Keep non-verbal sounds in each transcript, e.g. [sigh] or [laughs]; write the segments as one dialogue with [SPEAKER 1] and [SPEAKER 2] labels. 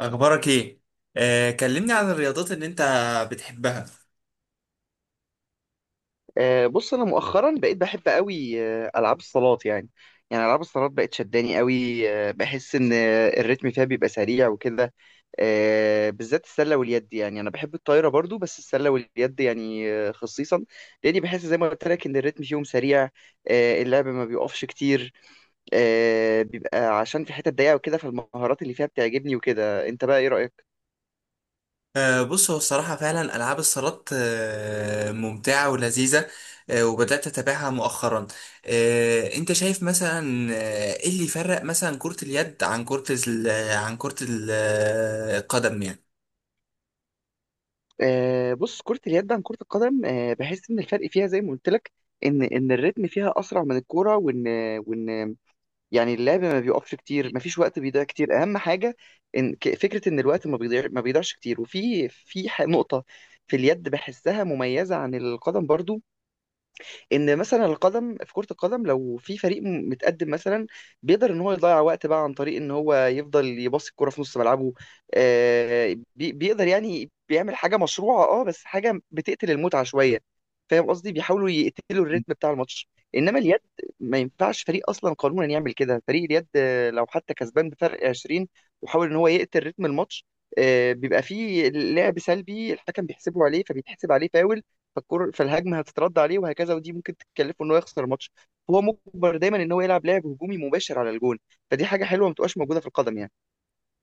[SPEAKER 1] اخبارك ايه؟ كلمني عن الرياضات اللي انت بتحبها.
[SPEAKER 2] بص انا مؤخرا بقيت بحب قوي، العاب الصالات يعني العاب الصالات بقت شداني قوي، بحس ان، الريتم فيها بيبقى سريع وكده. بالذات السله واليد، يعني انا بحب الطايره برضو بس السله واليد يعني، خصيصا لاني بحس زي ما قلت لك ان الريتم فيهم سريع. اللعب ما بيقفش كتير. بيبقى عشان في حتت ضيقه وكده، فالمهارات اللي فيها بتعجبني وكده. انت بقى ايه رايك؟
[SPEAKER 1] بص، هو الصراحه فعلا العاب الصالات ممتعه ولذيذه. وبدات اتابعها مؤخرا. انت شايف مثلا، ايه اللي يفرق مثلا كره اليد عن القدم يعني؟
[SPEAKER 2] بص، كرة اليد عن كرة القدم، بحس إن الفرق فيها زي ما قلت لك، إن الريتم فيها أسرع من الكورة. وإن يعني اللعب ما بيقفش كتير، ما فيش وقت بيضيع كتير. أهم حاجة إن فكرة إن الوقت ما بيضيع ما بيضيعش كتير. وفي نقطة في اليد بحسها مميزة عن القدم برضو. ان مثلا القدم، في كرة القدم لو في فريق متقدم مثلا، بيقدر ان هو يضيع وقت بقى عن طريق ان هو يفضل يباصي الكرة في نص ملعبه، بيقدر يعني. بيعمل حاجة مشروعة، اه، بس حاجة بتقتل المتعة شوية. فاهم قصدي؟ بيحاولوا يقتلوا الريتم بتاع الماتش. انما اليد ما ينفعش فريق اصلا قانونا يعمل كده. فريق اليد، لو حتى كسبان بفرق 20 وحاول ان هو يقتل رتم الماتش، بيبقى فيه لعب سلبي، الحكم بيحسبه عليه، فبيتحسب عليه فاول، فالكور في الهجمه هتترد عليه وهكذا. ودي ممكن تكلفه ان هو يخسر الماتش. هو مجبر دايما ان هو يلعب لعب هجومي مباشر على الجون. فدي حاجه حلوه ما بتبقاش موجوده في القدم يعني.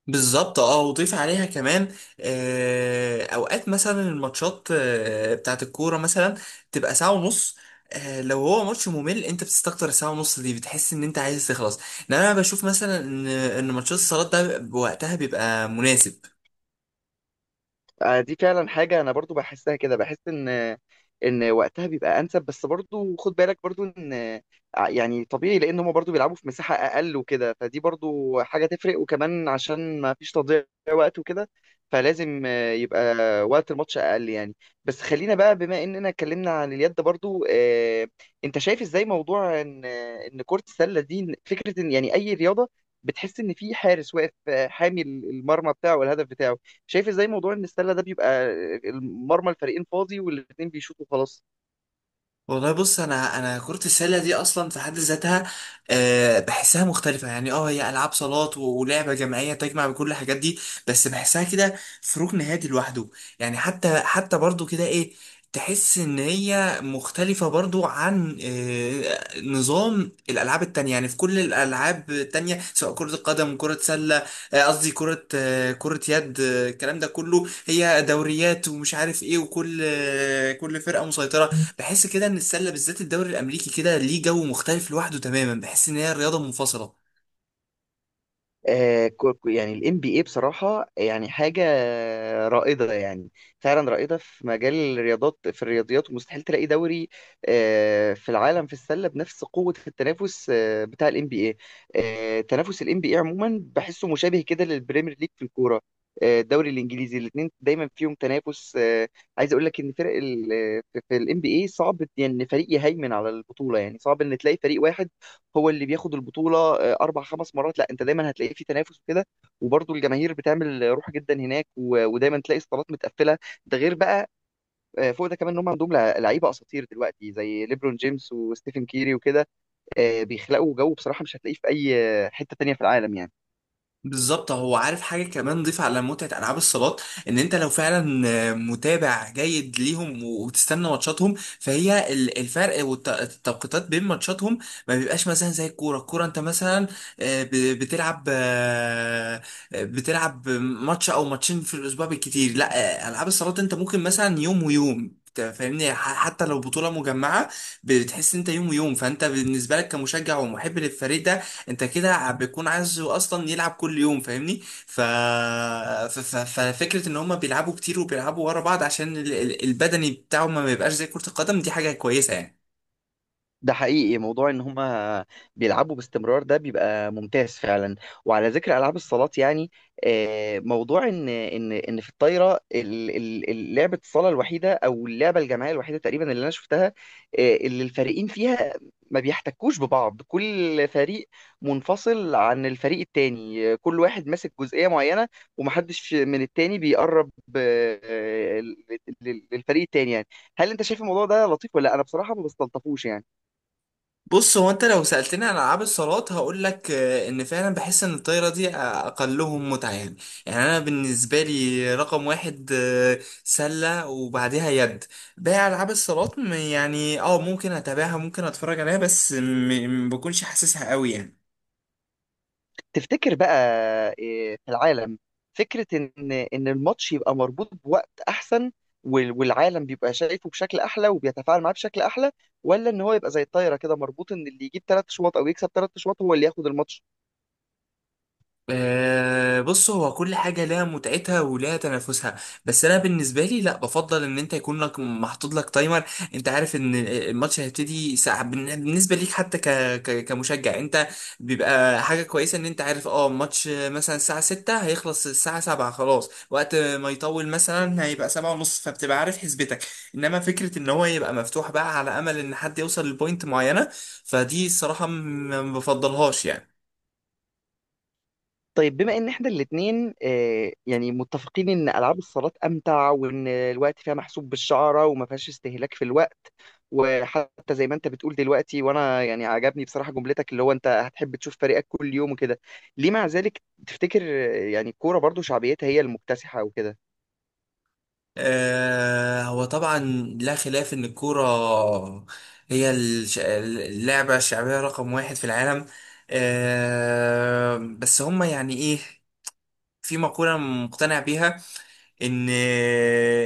[SPEAKER 1] بالظبط. اه، وضيف عليها كمان، اوقات مثلا الماتشات بتاعت الكوره مثلا تبقى ساعه ونص. لو هو ماتش ممل، انت بتستكتر الساعه ونص دي، بتحس ان انت عايز تخلص، لان انا بشوف مثلا ان ماتشات الصالات ده بوقتها بيبقى مناسب.
[SPEAKER 2] دي فعلا حاجة أنا برضو بحسها كده، بحس إن وقتها بيبقى أنسب. بس برضو خد بالك برضو إن، يعني طبيعي لأن هما برضو بيلعبوا في مساحة أقل وكده، فدي برضو حاجة تفرق. وكمان عشان ما فيش تضييع وقت وكده، فلازم يبقى وقت الماتش أقل يعني. بس خلينا بقى، بما إننا اتكلمنا عن اليد برضو، أنت شايف إزاي موضوع إن كرة السلة دي؟ فكرة إن يعني أي رياضة بتحس إن في حارس واقف، حامي المرمى بتاعه والهدف بتاعه. شايف ازاي موضوع ان السله ده بيبقى المرمى الفريقين فاضي والاثنين بيشوطوا خلاص؟
[SPEAKER 1] والله، بص، انا كرة السلة دي اصلا في حد ذاتها، بحسها مختلفة يعني. اه، هي العاب صالات ولعبة جماعية تجمع بكل الحاجات دي، بس بحسها كده في ركن هادي لوحده. يعني، حتى برضو كده، ايه، تحس ان هي مختلفة برضو عن نظام الالعاب التانية. يعني في كل الالعاب التانية سواء كرة القدم، كرة سلة، قصدي كرة، كرة يد، الكلام ده كله، هي دوريات ومش عارف ايه، وكل كل فرقة مسيطرة. بحس كده ان السله بالذات، الدوري الامريكي كده، ليه جو مختلف لوحده تماما. بحس ان هي رياضه منفصله.
[SPEAKER 2] يعني ال NBA بصراحة يعني حاجة رائدة يعني. فعلا رائدة في مجال الرياضات، في الرياضيات، ومستحيل تلاقي دوري في العالم في السلة بنفس قوة التنافس بتاع ال NBA. تنافس ال NBA عموما بحسه مشابه كده للبريمير ليج في الكورة، الدوري الإنجليزي. الاتنين دايما فيهم تنافس، عايز أقول لك إن فرق في ال NBA صعب يعني إن فريق يهيمن على البطولة. يعني صعب إن تلاقي فريق واحد هو اللي بياخد البطولة، أربع خمس مرات. لا، أنت دايما هتلاقي في تنافس وكده. وبرضه الجماهير بتعمل روح جدا هناك، ودايما تلاقي الصالات متقفلة. ده غير بقى، فوق ده كمان، إن هم عندهم لعيبة أساطير دلوقتي زي ليبرون جيمس وستيفن كيري وكده، بيخلقوا جو بصراحة مش هتلاقيه في أي حتة تانية في العالم يعني.
[SPEAKER 1] بالظبط، هو عارف حاجة كمان ضيف على متعة ألعاب الصالات، إن أنت لو فعلا متابع جيد ليهم وبتستنى ماتشاتهم، فهي الفرق والتوقيتات بين ماتشاتهم ما بيبقاش مثلا زي الكورة. الكورة أنت مثلا، بتلعب بتلعب ماتش أو ماتشين في الأسبوع بالكتير. لا، ألعاب الصالات أنت ممكن مثلا يوم ويوم، أنت فاهمني، حتى لو بطولة مجمعة بتحس إن أنت يوم ويوم، فأنت بالنسبة لك كمشجع ومحب للفريق ده، انت كده بيكون عايز اصلا يلعب كل يوم، فاهمني؟ ف... ففكره ان هم بيلعبوا كتير وبيلعبوا ورا بعض، عشان البدني بتاعهم ما يبقاش زي كره القدم، دي حاجه كويسه يعني.
[SPEAKER 2] ده حقيقي. موضوع ان هما بيلعبوا باستمرار ده بيبقى ممتاز فعلا. وعلى ذكر العاب الصالات يعني، موضوع ان في الطايره لعبه الصاله الوحيده او اللعبه الجماعيه الوحيده تقريبا اللي انا شفتها، اللي الفريقين فيها ما بيحتكوش ببعض. كل فريق منفصل عن الفريق التاني، كل واحد ماسك جزئيه معينه، ومحدش من التاني بيقرب للفريق التاني يعني. هل انت شايف الموضوع ده لطيف ولا لا؟ انا بصراحه ما بستلطفوش يعني.
[SPEAKER 1] بص، هو انت لو سالتني عن العاب الصالات هقول لك ان فعلا بحس ان الطايره دي اقلهم متعه يعني. يعني انا بالنسبه لي، رقم واحد سله وبعديها يد. باقي العاب الصالات، يعني اه ممكن اتابعها، ممكن اتفرج عليها بس، ما بكونش حاسسها قوي يعني.
[SPEAKER 2] تفتكر بقى إيه في العالم؟ فكرة إن الماتش يبقى مربوط بوقت أحسن، والعالم بيبقى شايفه بشكل أحلى وبيتفاعل معاه بشكل أحلى، ولا إن هو يبقى زي الطايرة كده، مربوط إن اللي يجيب 3 شواط أو يكسب 3 شواط هو اللي ياخد الماتش؟
[SPEAKER 1] بص، هو كل حاجة لها متعتها ولها تنافسها، بس أنا بالنسبة لي لا، بفضل إن أنت يكون لك محطوط لك تايمر. أنت عارف إن الماتش هيبتدي ساعة بالنسبة ليك. حتى كمشجع، أنت بيبقى حاجة كويسة إن أنت عارف. أه الماتش مثلا الساعة 6 هيخلص الساعة 7، خلاص، وقت ما يطول مثلا هيبقى 7 ونص، فبتبقى عارف حسبتك. إنما فكرة إن هو يبقى مفتوح بقى على أمل إن حد يوصل لبوينت معينة، فدي الصراحة ما بفضلهاش يعني.
[SPEAKER 2] طيب، بما ان احنا الاتنين، يعني متفقين ان العاب الصالات امتع وان الوقت فيها محسوب بالشعره وما فيهاش استهلاك في الوقت، وحتى زي ما انت بتقول دلوقتي، وانا يعني عجبني بصراحه جملتك اللي هو انت هتحب تشوف فريقك كل يوم وكده، ليه مع ذلك تفتكر، يعني الكوره برضو شعبيتها هي المكتسحه وكده؟
[SPEAKER 1] هو طبعا لا خلاف ان الكوره هي اللعبه الشعبيه رقم واحد في العالم. بس هم يعني ايه، في مقوله مقتنع بيها ان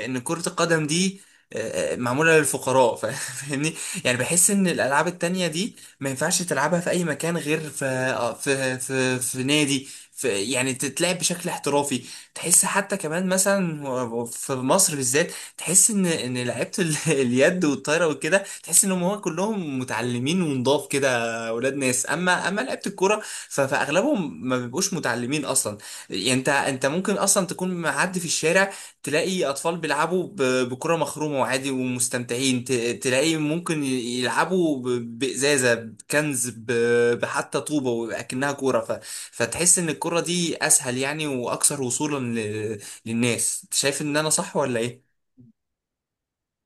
[SPEAKER 1] كرة القدم دي معمولة للفقراء، [laughs] فاهمني؟ يعني بحس ان الالعاب التانية دي ما ينفعش تلعبها في اي مكان غير في نادي، في يعني تتلعب بشكل احترافي. تحس حتى كمان مثلا، في مصر بالذات، تحس ان لعيبه [laughs] اليد والطايره وكده، تحس انهم هو كلهم متعلمين ونضاف كده، اولاد ناس. اما لعيبه الكوره، فاغلبهم ما بيبقوش متعلمين اصلا. يعني انت ممكن اصلا تكون معدي في الشارع، تلاقي اطفال بيلعبوا بكرة مخرومة وعادي ومستمتعين، تلاقي ممكن يلعبوا بإزازة، بكنز، بحتى طوبة وأكنها كورة. فتحس ان الكرة دي اسهل يعني واكثر وصولا للناس. أنت شايف ان انا صح ولا ايه؟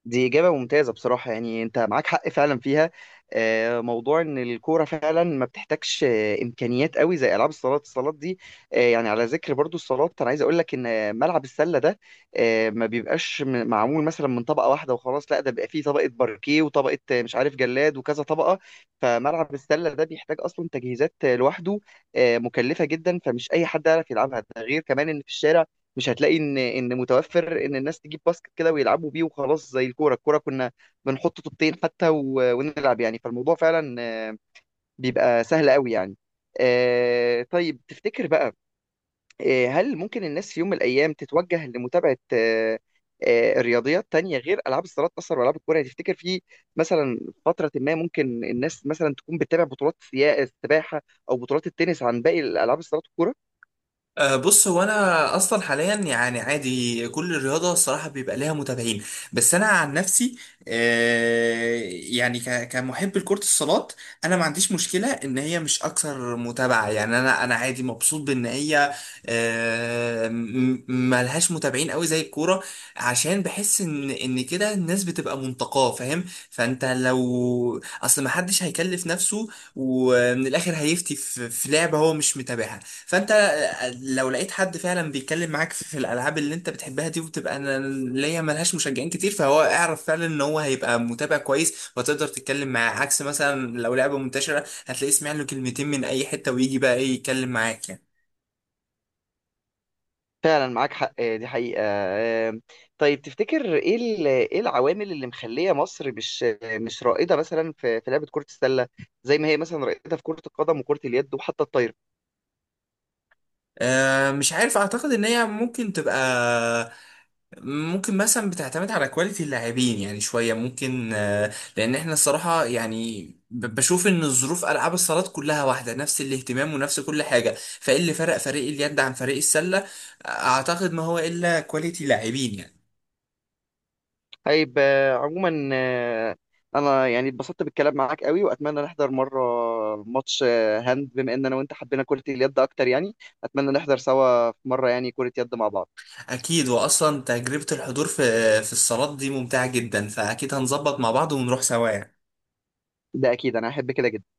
[SPEAKER 2] دي إجابة ممتازة بصراحة يعني، أنت معاك حق فعلا فيها، موضوع إن الكورة فعلا ما بتحتاجش إمكانيات قوي زي ألعاب الصالات دي، يعني على ذكر برضو الصالات، أنا عايز أقول لك إن ملعب السلة ده، ما بيبقاش معمول مثلا من طبقة واحدة وخلاص. لا، ده بيبقى فيه طبقة باركيه وطبقة، مش عارف، جلاد وكذا طبقة. فملعب السلة ده بيحتاج أصلا تجهيزات، لوحده، مكلفة جدا. فمش أي حد يعرف يلعبها. ده غير كمان إن في الشارع مش هتلاقي ان متوفر ان الناس تجيب باسكت كده ويلعبوا بيه وخلاص. زي الكوره، كنا بنحط طوبتين حتى ونلعب يعني. فالموضوع فعلا بيبقى سهل قوي يعني. طيب، تفتكر بقى، هل ممكن الناس في يوم من الايام تتوجه لمتابعه رياضيات تانية غير العاب الصالات اصلا والعاب الكوره؟ يعني تفتكر في مثلا فتره ما ممكن الناس مثلا تكون بتتابع بطولات السباحه او بطولات التنس عن باقي الالعاب الصالات والكوره؟
[SPEAKER 1] أه، بص، هو انا اصلا حاليا يعني عادي كل الرياضه الصراحه بيبقى ليها متابعين. بس انا عن نفسي أه، يعني كمحب لكره الصالات، انا ما عنديش مشكله ان هي مش اكثر متابعه، يعني انا عادي مبسوط بان هي أه، ملهاش متابعين قوي زي الكوره. عشان بحس ان كده الناس بتبقى منتقاه، فاهم؟ فانت لو اصل ما حدش هيكلف نفسه، ومن الاخر هيفتي في لعبه هو مش متابعها. فانت لو لقيت حد فعلا بيتكلم معاك في الالعاب اللي انت بتحبها دي، وبتبقى انا ليا ملهاش مشجعين كتير، فهو اعرف فعلا ان هو هيبقى متابع كويس، وتقدر تتكلم معاه. عكس مثلا لو لعبة منتشرة، هتلاقيه سمع له كلمتين من اي حتة ويجي بقى ايه يتكلم معاك يعني.
[SPEAKER 2] فعلا معاك حق، دي حقيقة. طيب، تفتكر ايه ايه العوامل اللي مخلية مصر مش مش رائدة مثلا في لعبة كرة السلة، زي ما هي مثلا رائدة في كرة القدم وكرة اليد وحتى الطايرة؟
[SPEAKER 1] أه، مش عارف، اعتقد ان هي ممكن تبقى ممكن مثلا بتعتمد على كواليتي اللاعبين يعني، شوية ممكن، لأن احنا الصراحة يعني، بشوف إن الظروف ألعاب الصالات كلها واحدة، نفس الاهتمام ونفس كل حاجة، فإيه اللي فرق فريق اليد عن فريق السلة؟ أعتقد ما هو إلا كواليتي لاعبين يعني.
[SPEAKER 2] طيب، عموما، انا يعني اتبسطت بالكلام معاك قوي، واتمنى نحضر مرة ماتش، هاند، بما ان انا وانت حبينا كرة اليد اكتر يعني. اتمنى نحضر سوا في مرة يعني كرة يد مع بعض.
[SPEAKER 1] أكيد، وأصلا تجربة الحضور في في الصالات دي ممتعة جدا، فأكيد هنظبط مع بعض ونروح سوا يعني.
[SPEAKER 2] ده اكيد انا هحب كده جدا.